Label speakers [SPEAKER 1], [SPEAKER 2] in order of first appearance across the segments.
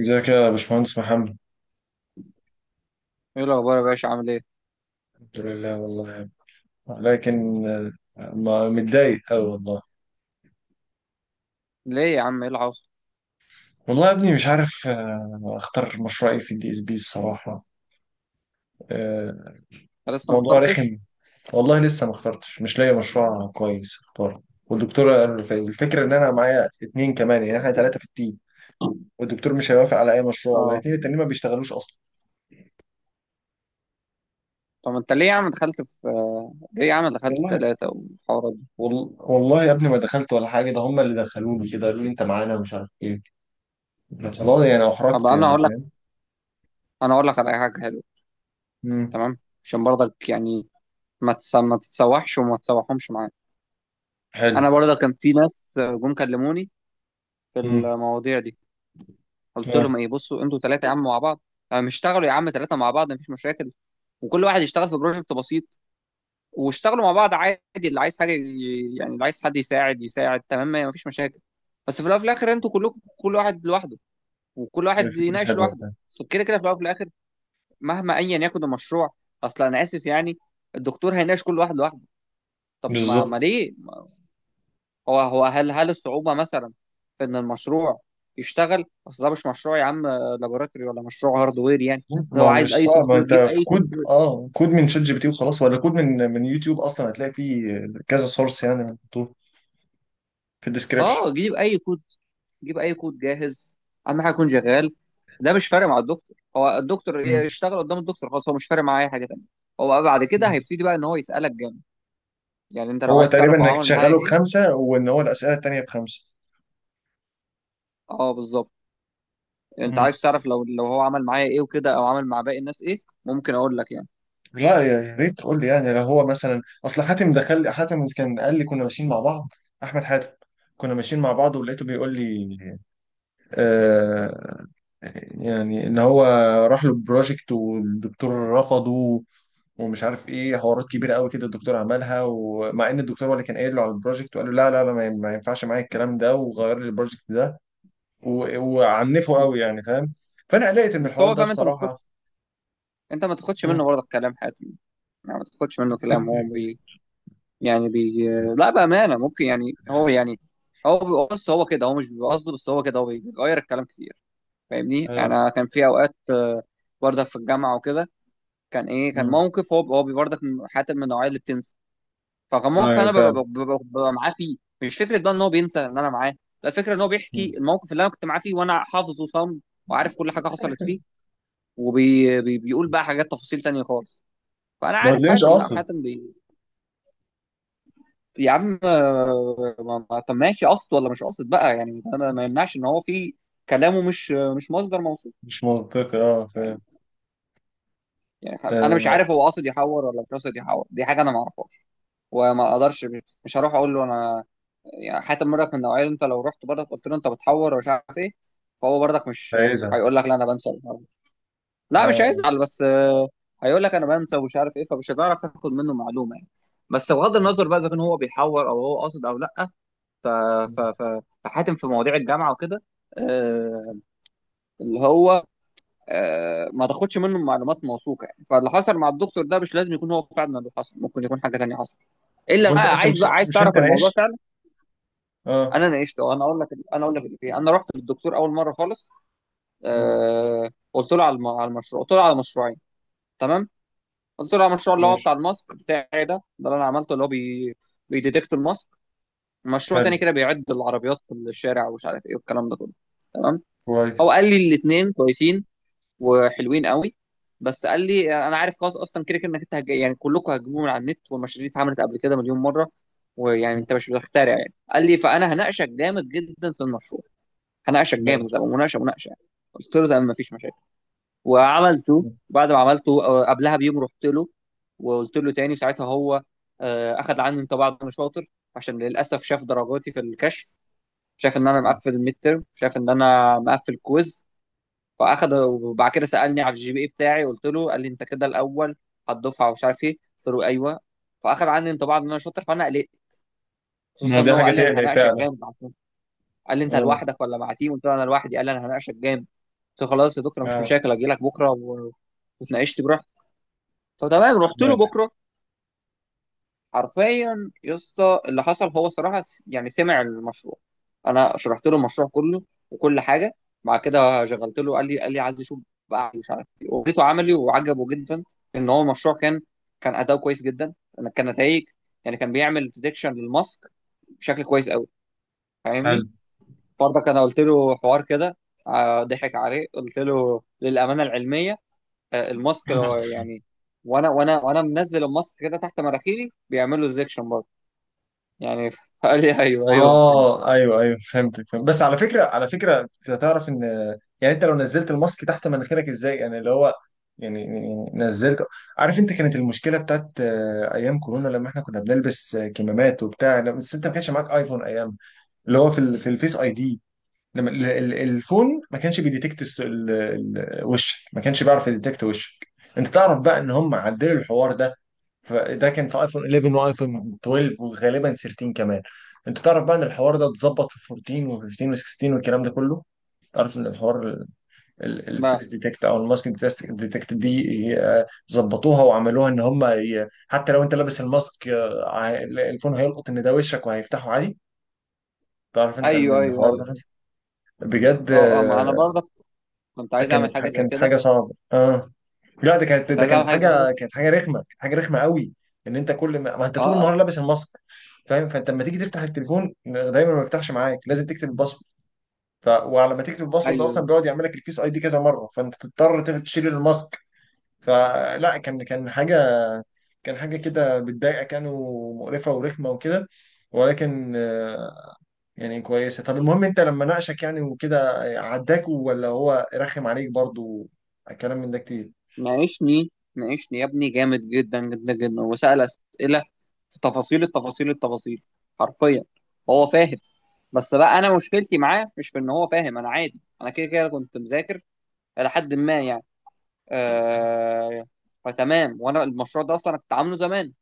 [SPEAKER 1] ازيك يا باشمهندس محمد.
[SPEAKER 2] ايه الاخبار يا باشا؟ عامل ايه؟
[SPEAKER 1] الحمد لله والله. لكن متضايق أوي والله.
[SPEAKER 2] ليه يا عم؟ ايه اللي حصل؟
[SPEAKER 1] والله يا ابني مش عارف، اختار مشروع ايه في الدي اس بي الصراحة. آه،
[SPEAKER 2] أنت لسه ما
[SPEAKER 1] موضوع
[SPEAKER 2] اخترتش؟
[SPEAKER 1] رخم. والله لسه ما اخترتش، مش لاقي مشروع كويس اختاره. والدكتور الفكرة ان انا معايا اتنين كمان، يعني احنا تلاتة في التيم. والدكتور مش هيوافق على اي مشروع،
[SPEAKER 2] اه،
[SPEAKER 1] والاتنين التانيين ما بيشتغلوش اصلا.
[SPEAKER 2] طب انت ليه يا عم دخلت في آه، ليه يا عم دخلت
[SPEAKER 1] والله.
[SPEAKER 2] 3 والحوارات دي؟
[SPEAKER 1] والله يا ابني ما دخلت ولا حاجة، ده هم اللي دخلوني كده، قالوا لي انت معانا مش عارف ايه. والله يعني
[SPEAKER 2] طب
[SPEAKER 1] احرجت،
[SPEAKER 2] انا
[SPEAKER 1] يعني
[SPEAKER 2] هقول لك،
[SPEAKER 1] فاهم.
[SPEAKER 2] على حاجة حلوة.
[SPEAKER 1] مم.
[SPEAKER 2] تمام، عشان برضك يعني ما تتسوحش وما تسوحهمش معايا.
[SPEAKER 1] حلو.
[SPEAKER 2] انا برضك كان في ناس جم كلموني في
[SPEAKER 1] مم.
[SPEAKER 2] المواضيع دي. قلت
[SPEAKER 1] اه.
[SPEAKER 2] لهم: ايه بصوا، انتوا 3 يا عم مع بعض. اشتغلوا يا عم 3 مع بعض، مفيش مشاكل. وكل واحد يشتغل في بروجكت بسيط، واشتغلوا مع بعض عادي. اللي عايز حاجه يعني اللي عايز حد يساعد يساعد، تمام، ما فيش مشاكل. بس في الاول وفي الاخر انتوا كلكم كل واحد لوحده، وكل
[SPEAKER 1] هي
[SPEAKER 2] واحد
[SPEAKER 1] فكرة
[SPEAKER 2] يناقش
[SPEAKER 1] حلوة
[SPEAKER 2] لوحده.
[SPEAKER 1] فعلا.
[SPEAKER 2] بس كده كده في الاول وفي الاخر، مهما ايا يكن المشروع، اصلا انا اسف يعني، الدكتور هيناقش كل واحد لوحده. طب ما
[SPEAKER 1] بالظبط.
[SPEAKER 2] ليه؟ هو هل الصعوبه مثلا في ان المشروع يشتغل؟ اصل ده مش مشروع يا عم لابوراتوري ولا مشروع هاردوير يعني.
[SPEAKER 1] ما
[SPEAKER 2] هو
[SPEAKER 1] هو
[SPEAKER 2] عايز
[SPEAKER 1] مش
[SPEAKER 2] اي
[SPEAKER 1] صعب،
[SPEAKER 2] سوفت وير،
[SPEAKER 1] انت
[SPEAKER 2] جيب
[SPEAKER 1] في
[SPEAKER 2] اي سوفت
[SPEAKER 1] كود،
[SPEAKER 2] وير.
[SPEAKER 1] كود من شات جي بي تي وخلاص، ولا كود من يوتيوب اصلا هتلاقي فيه كذا سورس يعني، محطوط في الديسكربشن.
[SPEAKER 2] اه، جيب اي كود، جيب اي كود جاهز، اهم حاجه يكون شغال. ده مش فارق مع الدكتور، هو الدكتور
[SPEAKER 1] مم.
[SPEAKER 2] يشتغل قدام الدكتور خلاص، هو مش فارق معاه اي حاجه تانيه. هو بقى بعد كده
[SPEAKER 1] مم.
[SPEAKER 2] هيبتدي بقى ان هو يسالك جامد. يعني انت لو
[SPEAKER 1] هو
[SPEAKER 2] عايز
[SPEAKER 1] تقريبا
[SPEAKER 2] تعرف هو
[SPEAKER 1] انك
[SPEAKER 2] عمل معايا
[SPEAKER 1] تشغله
[SPEAKER 2] ايه،
[SPEAKER 1] بخمسة، وان هو الاسئلة التانية بخمسة.
[SPEAKER 2] اه بالظبط، انت
[SPEAKER 1] مم.
[SPEAKER 2] عايز تعرف لو هو عمل معايا ايه وكده، او عمل مع باقي الناس ايه، ممكن اقول لك يعني.
[SPEAKER 1] لا، يا ريت تقول لي. يعني لو هو مثلا، اصل حاتم دخل، حاتم كان قال لي كنا ماشيين مع بعض. احمد حاتم، كنا ماشيين مع بعض ولقيته بيقول لي، آه، يعني ان هو راح له بروجكت والدكتور رفضه، ومش عارف ايه، حوارات كبيره قوي كده الدكتور عملها، ومع ان الدكتور هو اللي كان قايل له على البروجكت، وقال له لا لا لا، ما ينفعش معايا الكلام ده، وغير لي البروجكت ده. وعنفه قوي يعني فاهم. فانا قلقت من
[SPEAKER 2] بس
[SPEAKER 1] الحوار
[SPEAKER 2] هو
[SPEAKER 1] ده
[SPEAKER 2] فاهم، انت ما
[SPEAKER 1] بصراحه.
[SPEAKER 2] تاخدش انت ما تاخدش
[SPEAKER 1] مم.
[SPEAKER 2] منه برضه كلام حياته. يعني ما تاخدش منه كلام، هو يعني لا، بامانه ممكن يعني هو يعني، هو بيبقى، بص، هو كده، هو مش بيبقى قصده، بس هو كده، هو بيغير الكلام كتير، فاهمني.
[SPEAKER 1] اه.
[SPEAKER 2] انا كان في اوقات بردك في الجامعه وكده، كان ايه، كان
[SPEAKER 1] مم.
[SPEAKER 2] موقف هو بردك حتى من النوعيه اللي بتنسى. فكان موقف
[SPEAKER 1] ايوه
[SPEAKER 2] انا ببقى,
[SPEAKER 1] فاهم.
[SPEAKER 2] ببقى, ببقى معاه فيه، مش فكره بقى ان هو بينسى ان انا معاه. لا، الفكره ان هو بيحكي
[SPEAKER 1] مم.
[SPEAKER 2] الموقف اللي انا كنت معاه فيه، وانا حافظه صم وعارف كل حاجه حصلت فيه، وبيقول بقى حاجات تفاصيل تانية خالص. فانا
[SPEAKER 1] ما هو
[SPEAKER 2] عارف
[SPEAKER 1] تلاقيه مش
[SPEAKER 2] حاتم. لا
[SPEAKER 1] قاصد.
[SPEAKER 2] حاتم. يا عم، طب ماشي قصد ولا مش قصد بقى، يعني ده ما يمنعش ان هو في كلامه مش مصدر موثوق.
[SPEAKER 1] مش منطقي، اه
[SPEAKER 2] يعني
[SPEAKER 1] فاهم.
[SPEAKER 2] يعني انا مش
[SPEAKER 1] آه
[SPEAKER 2] عارف هو قاصد يحور ولا مش قاصد يحور، دي حاجه انا ما اعرفهاش. وما اقدرش، مش هروح اقول له انا. يعني حتى مرات من النوعيه اللي انت لو رحت برضك قلت له انت بتحور ومش عارف ايه، فهو برضك مش
[SPEAKER 1] عايزها.
[SPEAKER 2] هيقول لك لا انا بنسى ومش عارف إيه. لا مش
[SPEAKER 1] اه.
[SPEAKER 2] هيزعل، بس هيقول لك انا بنسى ومش عارف ايه، فمش هتعرف تاخد منه معلومه يعني. بس بغض
[SPEAKER 1] ايوه.
[SPEAKER 2] النظر بقى، اذا كان هو بيحور او هو قاصد او لا، ف ف
[SPEAKER 1] مم.
[SPEAKER 2] ف فحاتم في مواضيع الجامعه وكده، آه، اللي هو آه، ما تاخدش منه معلومات موثوقه يعني. فاللي حصل مع الدكتور ده مش لازم يكون هو فعلا اللي حصل، ممكن يكون حاجه تانيه حصلت. الا
[SPEAKER 1] وانت
[SPEAKER 2] بقى،
[SPEAKER 1] انت
[SPEAKER 2] عايز
[SPEAKER 1] مش
[SPEAKER 2] بقى عايز
[SPEAKER 1] مش
[SPEAKER 2] تعرف
[SPEAKER 1] انت
[SPEAKER 2] الموضوع
[SPEAKER 1] ناقشت؟
[SPEAKER 2] فعلا؟
[SPEAKER 1] اه.
[SPEAKER 2] انا ناقشته، انا اقول لك، اللي فيه. انا رحت للدكتور اول مره خالص،
[SPEAKER 1] مم.
[SPEAKER 2] قلت له على على المشروع، قلت له على مشروعين. تمام، قلت له على المشروع اللي هو
[SPEAKER 1] ماشي.
[SPEAKER 2] بتاع الماسك بتاعي ده ده اللي انا عملته، اللي هو بيديتكت الماسك. مشروع تاني
[SPEAKER 1] حلو.
[SPEAKER 2] كده بيعد العربيات في الشارع، ومش عارف ايه والكلام ده كله. تمام، هو قال
[SPEAKER 1] كويس.
[SPEAKER 2] لي الاثنين كويسين وحلوين قوي. بس قال لي: انا عارف خلاص اصلا، كده كده انك انت يعني كلكم هتجيبوه من على النت، والمشاريع دي اتعملت قبل كده مليون مره، ويعني انت مش بتخترع يعني. قال لي: فانا هناقشك جامد جدا في المشروع، هناقشك جامد،
[SPEAKER 1] ماشي.
[SPEAKER 2] ده مناقشه مناقشه يعني. قلت له: تمام، مفيش مشاكل. وعملته. بعد ما عملته، قبلها بـ1 يوم رحت له وقلت له تاني. ساعتها هو اخذ عني انطباع ان انا شاطر، عشان للاسف شاف درجاتي في الكشف، شاف ان انا مقفل الميد ترم، شاف ان انا مقفل كويز. فاخد، وبعد كده سالني على الجي بي اي بتاعي قلت له، قال لي: انت كده الاول هتدفع ومش عارف ايه. قلت له: ايوه. فاخد عني انطباع ان انا شاطر، فانا قلقت.
[SPEAKER 1] ما
[SPEAKER 2] خصوصا ان
[SPEAKER 1] دي
[SPEAKER 2] هو
[SPEAKER 1] حاجة
[SPEAKER 2] قال لي انا
[SPEAKER 1] تقلق
[SPEAKER 2] هناقشك
[SPEAKER 1] فعلا.
[SPEAKER 2] جامد، عشان قال لي: انت
[SPEAKER 1] اه.
[SPEAKER 2] لوحدك ولا مع تيم؟ قلت له: انا لوحدي. قال لي: انا هناقشك جامد. قلت له: خلاص يا دكتور، مش
[SPEAKER 1] اه.
[SPEAKER 2] مشاكل، اجي لك بكره وتناقشت براحتك. فتمام، رحت له
[SPEAKER 1] ماشي.
[SPEAKER 2] بكره. حرفيا يا اسطى، اللي حصل، هو الصراحه يعني سمع المشروع، انا شرحت له المشروع كله وكل حاجه، بعد كده شغلت له، قال لي عايز اشوف بقى مش عارف ايه، وريته عملي، وعجبه جدا. ان هو المشروع كان اداؤه كويس جدا، أنا كان نتائج يعني، كان بيعمل ديتكشن للماسك بشكل كويس قوي،
[SPEAKER 1] حلو.
[SPEAKER 2] فاهمني. برضك انا قلت له حوار كده، ضحك عليه، قلت له للامانه العلميه، الماسك يعني وانا منزل الماسك كده تحت مراخيري بيعمل له ديتكشن يعني. قال لي: ايوه ايوه ماشي.
[SPEAKER 1] اه. ايوه، ايوه فهمتك، فهمت. بس على فكره، على فكره انت تعرف ان، يعني انت لو نزلت الماسك تحت مناخيرك ازاي، يعني اللي هو، يعني نزلت. عارف انت، كانت المشكله بتاعت ايام كورونا، لما احنا كنا بنلبس كمامات وبتاع، بس انت ما كانش معاك ايفون ايام، اللي هو في في الفيس اي دي، لما ال- ال- الفون ما كانش بيديتكت، وشك، ما كانش بيعرف يديتكت وشك. انت تعرف بقى ان هم عدلوا الحوار ده، فده كان في ايفون 11 وايفون 12 وغالبا 13 كمان. انت تعرف بقى ان الحوار ده اتظبط في 14 و15 و16 والكلام ده كله. تعرف ان الحوار ال- ال-
[SPEAKER 2] ما
[SPEAKER 1] الفيس ديتكت او الماسك ديتكت دي، آه، ظبطوها وعملوها ان هم، حتى لو انت لابس الماسك، الفون هيلقط ان ده وشك وهيفتحه عادي. تعرف انت
[SPEAKER 2] ايوه
[SPEAKER 1] ان
[SPEAKER 2] ايوه
[SPEAKER 1] الحوار ده
[SPEAKER 2] ايوه.
[SPEAKER 1] حصل بجد؟
[SPEAKER 2] اه اه، ما انا برضه كنت عايز اعمل حاجه زي
[SPEAKER 1] كانت
[SPEAKER 2] كده.
[SPEAKER 1] حاجه صعبه اه. لا، ده كانت
[SPEAKER 2] كنت
[SPEAKER 1] ده
[SPEAKER 2] عايز اعمل
[SPEAKER 1] كانت
[SPEAKER 2] حاجه زي كده.
[SPEAKER 1] حاجه كانت حاجه رخمه، كانت حاجه رخمه قوي. ان انت، كل ما, ما انت
[SPEAKER 2] اه،
[SPEAKER 1] طول النهار لابس الماسك فاهم. فانت لما تيجي تفتح التليفون دايما ما بيفتحش معاك، لازم تكتب الباسورد. وعلى ما تكتب الباسورد، ده اصلا
[SPEAKER 2] ايوه.
[SPEAKER 1] بيقعد يعمل لك الفيس اي دي كذا مره، فانت تضطر تشيل الماسك. فلا، كان حاجه كده بتضايقك يعني، ومقرفه ورخمه وكده. ولكن، يعني كويسة. طب المهم، انت لما ناقشك يعني وكده، عداك ولا هو رخم عليك برضو؟ الكلام من ده كتير.
[SPEAKER 2] ناقشني، ناقشني يا ابني جامد جدا جدا جدا، وسأل اسئله في تفاصيل التفاصيل التفاصيل، حرفيا. هو
[SPEAKER 1] آه.
[SPEAKER 2] فاهم، بس بقى انا مشكلتي معاه مش في ان هو فاهم، انا عادي، انا كده كده كنت مذاكر الى حد ما يعني.
[SPEAKER 1] حلو.
[SPEAKER 2] آه فتمام، وانا المشروع ده اصلا انا كنت عامله زمان،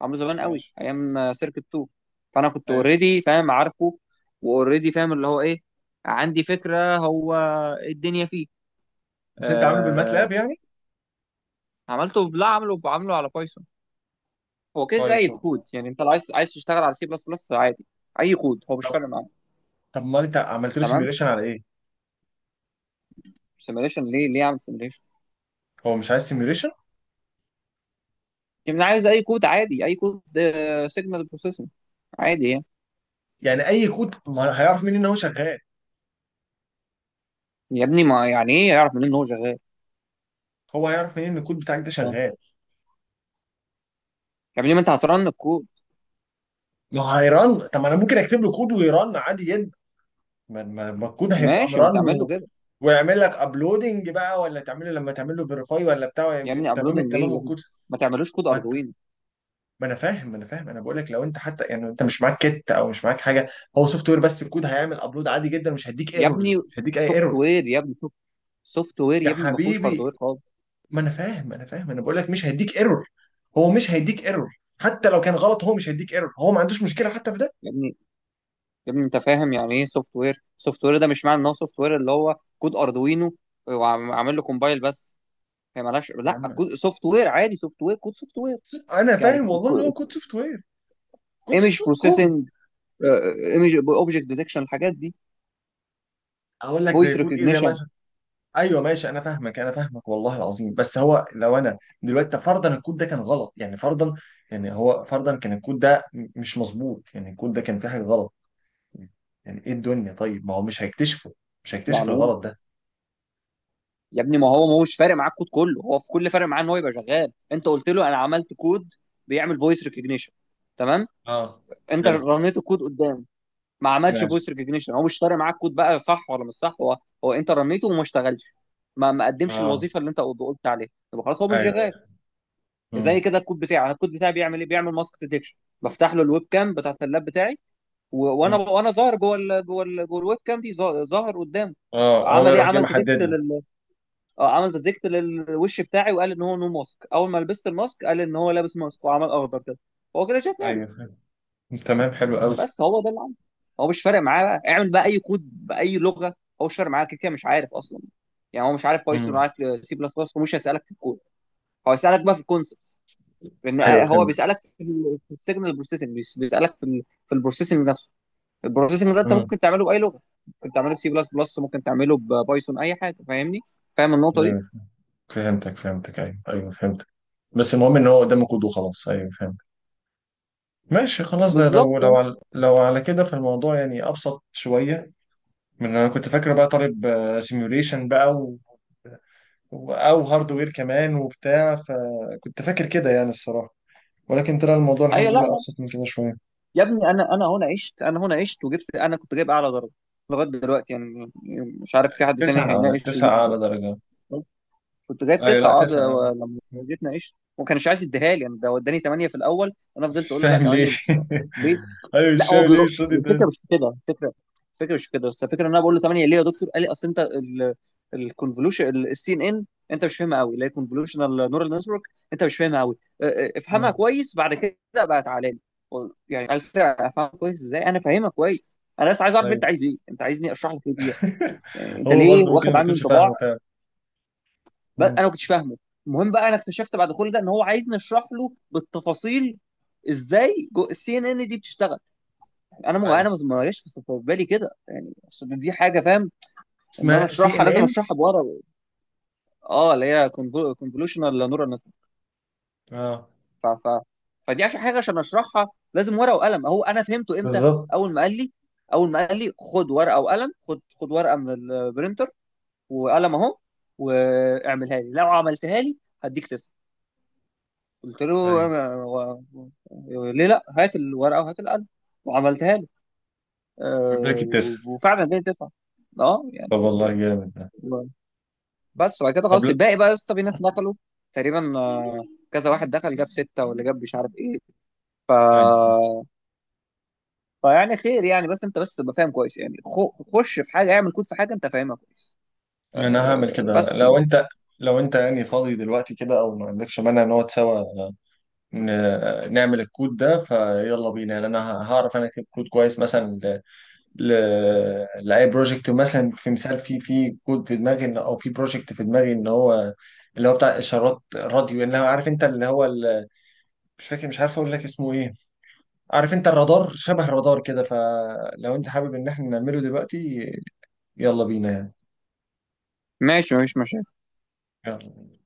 [SPEAKER 2] عامله زمان قوي
[SPEAKER 1] ماشي.
[SPEAKER 2] ايام سيركت 2. فانا كنت
[SPEAKER 1] طيب
[SPEAKER 2] اوريدي فاهم عارفه، واوريدي فاهم اللي هو ايه، عندي فكره هو إيه الدنيا فيه.
[SPEAKER 1] بس انت عامل
[SPEAKER 2] آه
[SPEAKER 1] بالماتلاب يعني؟
[SPEAKER 2] عملته، لا عمله، بعمله على بايثون. هو كده كده
[SPEAKER 1] كويس
[SPEAKER 2] اي كود،
[SPEAKER 1] والله.
[SPEAKER 2] يعني انت لو عايز تشتغل على سي بلس بلس عادي، اي كود هو مش
[SPEAKER 1] طب،
[SPEAKER 2] فارق معاه.
[SPEAKER 1] امال انت عملت له
[SPEAKER 2] تمام،
[SPEAKER 1] سيميوليشن على ايه؟
[SPEAKER 2] سيميليشن ليه اعمل سيميليشن؟
[SPEAKER 1] هو مش عايز سيميوليشن؟
[SPEAKER 2] يعني أنا عايز اي كود عادي، اي كود سيجنال بروسيسنج عادي يعني.
[SPEAKER 1] يعني اي كود، ما هيعرف منين ان هو شغال؟
[SPEAKER 2] يا ابني، ما يعني ايه يعرف منين ان هو شغال؟
[SPEAKER 1] هو هيعرف منين ان الكود بتاعك ده
[SPEAKER 2] آه.
[SPEAKER 1] شغال؟
[SPEAKER 2] يا ابني ما انت هترن الكود.
[SPEAKER 1] ما هو هيرن. طب ما انا ممكن اكتب له كود ويرن عادي جدا. ما الكود هيبقى
[SPEAKER 2] ماشي، ما
[SPEAKER 1] مرن،
[SPEAKER 2] تعمل له
[SPEAKER 1] و...
[SPEAKER 2] كده.
[SPEAKER 1] ويعمل لك ابلودنج بقى، ولا تعمل، لما تعمل له فيريفاي ولا بتاع،
[SPEAKER 2] يا
[SPEAKER 1] ويبقى
[SPEAKER 2] ابني،
[SPEAKER 1] تمام
[SPEAKER 2] ابلودنج ايه
[SPEAKER 1] التمام
[SPEAKER 2] يا ابني؟
[SPEAKER 1] والكود.
[SPEAKER 2] ما تعملوش كود اردوينو.
[SPEAKER 1] ما انا فاهم، انا بقول لك لو انت حتى، يعني انت مش معاك كت او مش معاك حاجه، هو سوفت وير بس، الكود هيعمل ابلود عادي جدا، مش هيديك
[SPEAKER 2] يا ابني،
[SPEAKER 1] ايرورز، مش هيديك اي
[SPEAKER 2] سوفت
[SPEAKER 1] ايرور.
[SPEAKER 2] وير يا ابني، سوفت وير
[SPEAKER 1] يا
[SPEAKER 2] يا ابني، ما فيهوش
[SPEAKER 1] حبيبي،
[SPEAKER 2] هاردوير خالص.
[SPEAKER 1] ما انا فاهم انا فاهم، انا بقول لك مش هيديك ايرور. هو مش هيديك ايرور، حتى لو كان غلط هو مش هيديك ايرور، هو ما عندوش مشكله حتى في ده.
[SPEAKER 2] يا ابني يا ابني، انت فاهم يعني ايه سوفت وير؟ سوفت وير ده مش معنى ان هو سوفت وير اللي هو كود اردوينو وعامل له كومبايل بس. هي مالهاش،
[SPEAKER 1] يا
[SPEAKER 2] لا
[SPEAKER 1] عم،
[SPEAKER 2] كود سوفت وير عادي، سوفت وير كود سوفت وير
[SPEAKER 1] انا
[SPEAKER 2] يعني.
[SPEAKER 1] فاهم والله ان هو كود سوفت وير، كود سوفت
[SPEAKER 2] ايمج
[SPEAKER 1] وير، كود.
[SPEAKER 2] بروسيسنج، ايمج اوبجكت ديتكشن، الحاجات دي،
[SPEAKER 1] اقول لك زي
[SPEAKER 2] فويس
[SPEAKER 1] كود ايه، زي
[SPEAKER 2] ريكوجنيشن.
[SPEAKER 1] مثلا؟ ايوه ماشي، انا فاهمك والله العظيم. بس هو، لو انا دلوقتي، طب فرضا الكود ده كان غلط، يعني فرضا، يعني هو فرضا كان الكود ده مش مظبوط، يعني الكود ده كان فيه حاجه غلط، يعني ايه الدنيا؟ طيب ما هو مش هيكتشفه؟ مش هيكتشف
[SPEAKER 2] يعني ايه؟
[SPEAKER 1] الغلط ده؟
[SPEAKER 2] يا ابني، ما هو ما هوش فارق معاك كود، كله هو في كل فارق معاه ان هو يبقى شغال. انت قلت له انا عملت كود بيعمل فويس ريكوجنيشن، تمام،
[SPEAKER 1] اه.
[SPEAKER 2] انت
[SPEAKER 1] حلو.
[SPEAKER 2] رنيت الكود قدام، ما عملش
[SPEAKER 1] ماشي.
[SPEAKER 2] فويس ريكوجنيشن، هو مش فارق معاك كود بقى صح ولا مش صح، هو هو انت رنيته وما اشتغلش، ما قدمش
[SPEAKER 1] اه،
[SPEAKER 2] الوظيفه اللي انت قلت عليها، يبقى خلاص هو مش
[SPEAKER 1] ايوه،
[SPEAKER 2] شغال.
[SPEAKER 1] ايوه.
[SPEAKER 2] زي
[SPEAKER 1] مم.
[SPEAKER 2] كده الكود بتاعي، انا الكود بتاعي بيعمل ايه؟ بيعمل ماسك ديتكشن، بفتح له الويب كام بتاعت اللاب بتاعي، وانا
[SPEAKER 1] مم.
[SPEAKER 2] وانا ظاهر جوه الويب كام دي، ظاهر قدامه.
[SPEAKER 1] اه، هو
[SPEAKER 2] عمل ايه؟
[SPEAKER 1] يروح جاي
[SPEAKER 2] عمل ديتكت.
[SPEAKER 1] محدد لك.
[SPEAKER 2] اه، عمل ديتكت للوش بتاعي وقال ان هو نو ماسك، اول ما لبست الماسك قال ان هو لابس ماسك وعمل اخضر كده. هو كده شاف قال.
[SPEAKER 1] ايوه فهمت. تمام، حلو قوي.
[SPEAKER 2] بس هو ده اللي عمله. هو مش فارق معاه بقى اعمل بقى اي كود باي لغه، هو مش فارق معاه، كده كده مش عارف اصلا. يعني هو مش عارف بايثون ولا
[SPEAKER 1] مم.
[SPEAKER 2] عارف سي بلس بلس، ومش هيسالك في الكود، هو هيسالك بقى في الكونسبت، لان
[SPEAKER 1] ايوه
[SPEAKER 2] هو
[SPEAKER 1] فهمت.
[SPEAKER 2] بيسالك في السيجنال بروسيسنج، بيسالك في البروسيسنج نفسه. البروسيسنج ده انت
[SPEAKER 1] مم.
[SPEAKER 2] ممكن تعمله باي لغه، ممكن تعمله بسي بلس بلس، ممكن تعمله ببايثون، اي حاجه، فاهمني؟ فاهم النقطه دي.
[SPEAKER 1] ايوه فهمتك، فهمتك، ايوه، ايوه فهمتك. بس المهم ان هو قدامك كود وخلاص. ايوه فهمت. ماشي خلاص. ده لو،
[SPEAKER 2] بالظبط،
[SPEAKER 1] لو
[SPEAKER 2] اه،
[SPEAKER 1] على لو على كده، فالموضوع يعني ابسط شويه من اللي انا كنت فاكر بقى، طالب سيميوليشن بقى، و... او هاردوير كمان وبتاع، فكنت فاكر كده يعني الصراحه. ولكن طلع الموضوع الحمد
[SPEAKER 2] ايوه.
[SPEAKER 1] لله
[SPEAKER 2] لا
[SPEAKER 1] ابسط من كده شويه.
[SPEAKER 2] يا ابني، انا هنا عشت، انا هنا عشت وجبت، انا كنت جايب اعلى درجه لغايه دلوقتي يعني، مش عارف في حد تاني
[SPEAKER 1] تسعة أعلى؟
[SPEAKER 2] هيناقش
[SPEAKER 1] تسعة
[SPEAKER 2] يجيب.
[SPEAKER 1] أعلى درجة؟
[SPEAKER 2] كنت جايب
[SPEAKER 1] أيوة. لأ،
[SPEAKER 2] 9، اه
[SPEAKER 1] تسعة
[SPEAKER 2] ده،
[SPEAKER 1] أعلى.
[SPEAKER 2] لما جيت ناقشت وما كانش عايز يديها لي يعني، ده وداني 8 في الاول، انا فضلت
[SPEAKER 1] مش
[SPEAKER 2] اقول له لا،
[SPEAKER 1] فاهم
[SPEAKER 2] 8
[SPEAKER 1] ليه.
[SPEAKER 2] مش ليه.
[SPEAKER 1] أيوة، مش
[SPEAKER 2] لا هو
[SPEAKER 1] فاهم ليه
[SPEAKER 2] بيقول
[SPEAKER 1] مش راضي تاني.
[SPEAKER 2] الفكره مش في كده، الفكره مش في كده، بس الفكره ان انا بقول له 8 ليه يا دكتور، قال لي: اصل انت الكونفولوشن السي ان ان انت مش فاهمها قوي، اللي هي كونفولوشنال نورال نتورك، انت مش فاهمها قوي، افهمها
[SPEAKER 1] مم.
[SPEAKER 2] كويس بعد كده بقى تعالى لي. يعني قال فكرة افهمها كويس. ازاي انا فاهمها كويس؟ انا بس عايز اعرف انت
[SPEAKER 1] أيوة.
[SPEAKER 2] عايز ايه، انت عايزني اشرح لك ايه دي؟ انت
[SPEAKER 1] هو
[SPEAKER 2] ليه
[SPEAKER 1] برضه ممكن
[SPEAKER 2] واخد
[SPEAKER 1] ما
[SPEAKER 2] عني
[SPEAKER 1] يكونش
[SPEAKER 2] انطباع
[SPEAKER 1] فاهمه فعلا.
[SPEAKER 2] بس انا
[SPEAKER 1] مم.
[SPEAKER 2] ما كنتش فاهمه؟ المهم بقى انا اكتشفت بعد كل ده ان هو عايزني اشرح له بالتفاصيل ازاي السي ان ان دي بتشتغل. انا ما،
[SPEAKER 1] أيوة،
[SPEAKER 2] جاش في بالي كده يعني، اصل دي حاجه فاهم، ان انا
[SPEAKER 1] اسمها سي
[SPEAKER 2] اشرحها
[SPEAKER 1] إن
[SPEAKER 2] لازم
[SPEAKER 1] إن.
[SPEAKER 2] اشرحها بورا، اه، اللي هي كونفولوشنال نورال نتورك.
[SPEAKER 1] أه.
[SPEAKER 2] ف... ف... فدي عشان حاجه، عشان اشرحها لازم ورقه وقلم. اهو، انا فهمته امتى؟
[SPEAKER 1] بالظبط.
[SPEAKER 2] اول ما قال لي اول ما قال لي خد ورقه وقلم، خد ورقه من البرينتر وقلم اهو، واعملها لي، لو عملتها لي هديك 9. قلت له:
[SPEAKER 1] أيوة،
[SPEAKER 2] ليه لا، هات الورقه وهات القلم، وعملتها لي،
[SPEAKER 1] مدرك
[SPEAKER 2] أه،
[SPEAKER 1] التسع.
[SPEAKER 2] وفعلا جاي 9، اه
[SPEAKER 1] طب
[SPEAKER 2] يعني.
[SPEAKER 1] والله جامد ده.
[SPEAKER 2] بس، وبعد كده
[SPEAKER 1] طب
[SPEAKER 2] خلاص
[SPEAKER 1] لا.
[SPEAKER 2] الباقي بقى يا اسطى، في ناس دخلوا تقريبا، كذا واحد دخل جاب 6 ولا جاب مش عارف ايه،
[SPEAKER 1] أيوة.
[SPEAKER 2] فيعني خير يعني. بس انت بس تبقى فاهم كويس يعني، خش في حاجة، اعمل كود في حاجة انت فاهمها كويس.
[SPEAKER 1] ما انا هعمل كده
[SPEAKER 2] بس يعني.
[SPEAKER 1] لو انت، يعني فاضي دلوقتي كده او ما عندكش مانع نقعد سوا، نعمل الكود ده فيلا بينا يعني. انا هعرف انا اكتب كود كويس مثلا، ل... لاي بروجكت مثلا، في مثال، في كود في دماغي، او في بروجكت في دماغي، ان هو اللي هو بتاع اشارات راديو، اللي هو عارف انت، اللي هو مش فاكر، مش عارف اقول لك اسمه ايه. عارف انت الرادار، شبه الرادار كده. فلو انت حابب ان احنا نعمله دلوقتي، يلا بينا يعني.
[SPEAKER 2] ماشي، مفيش مشاكل.
[SPEAKER 1] يلا.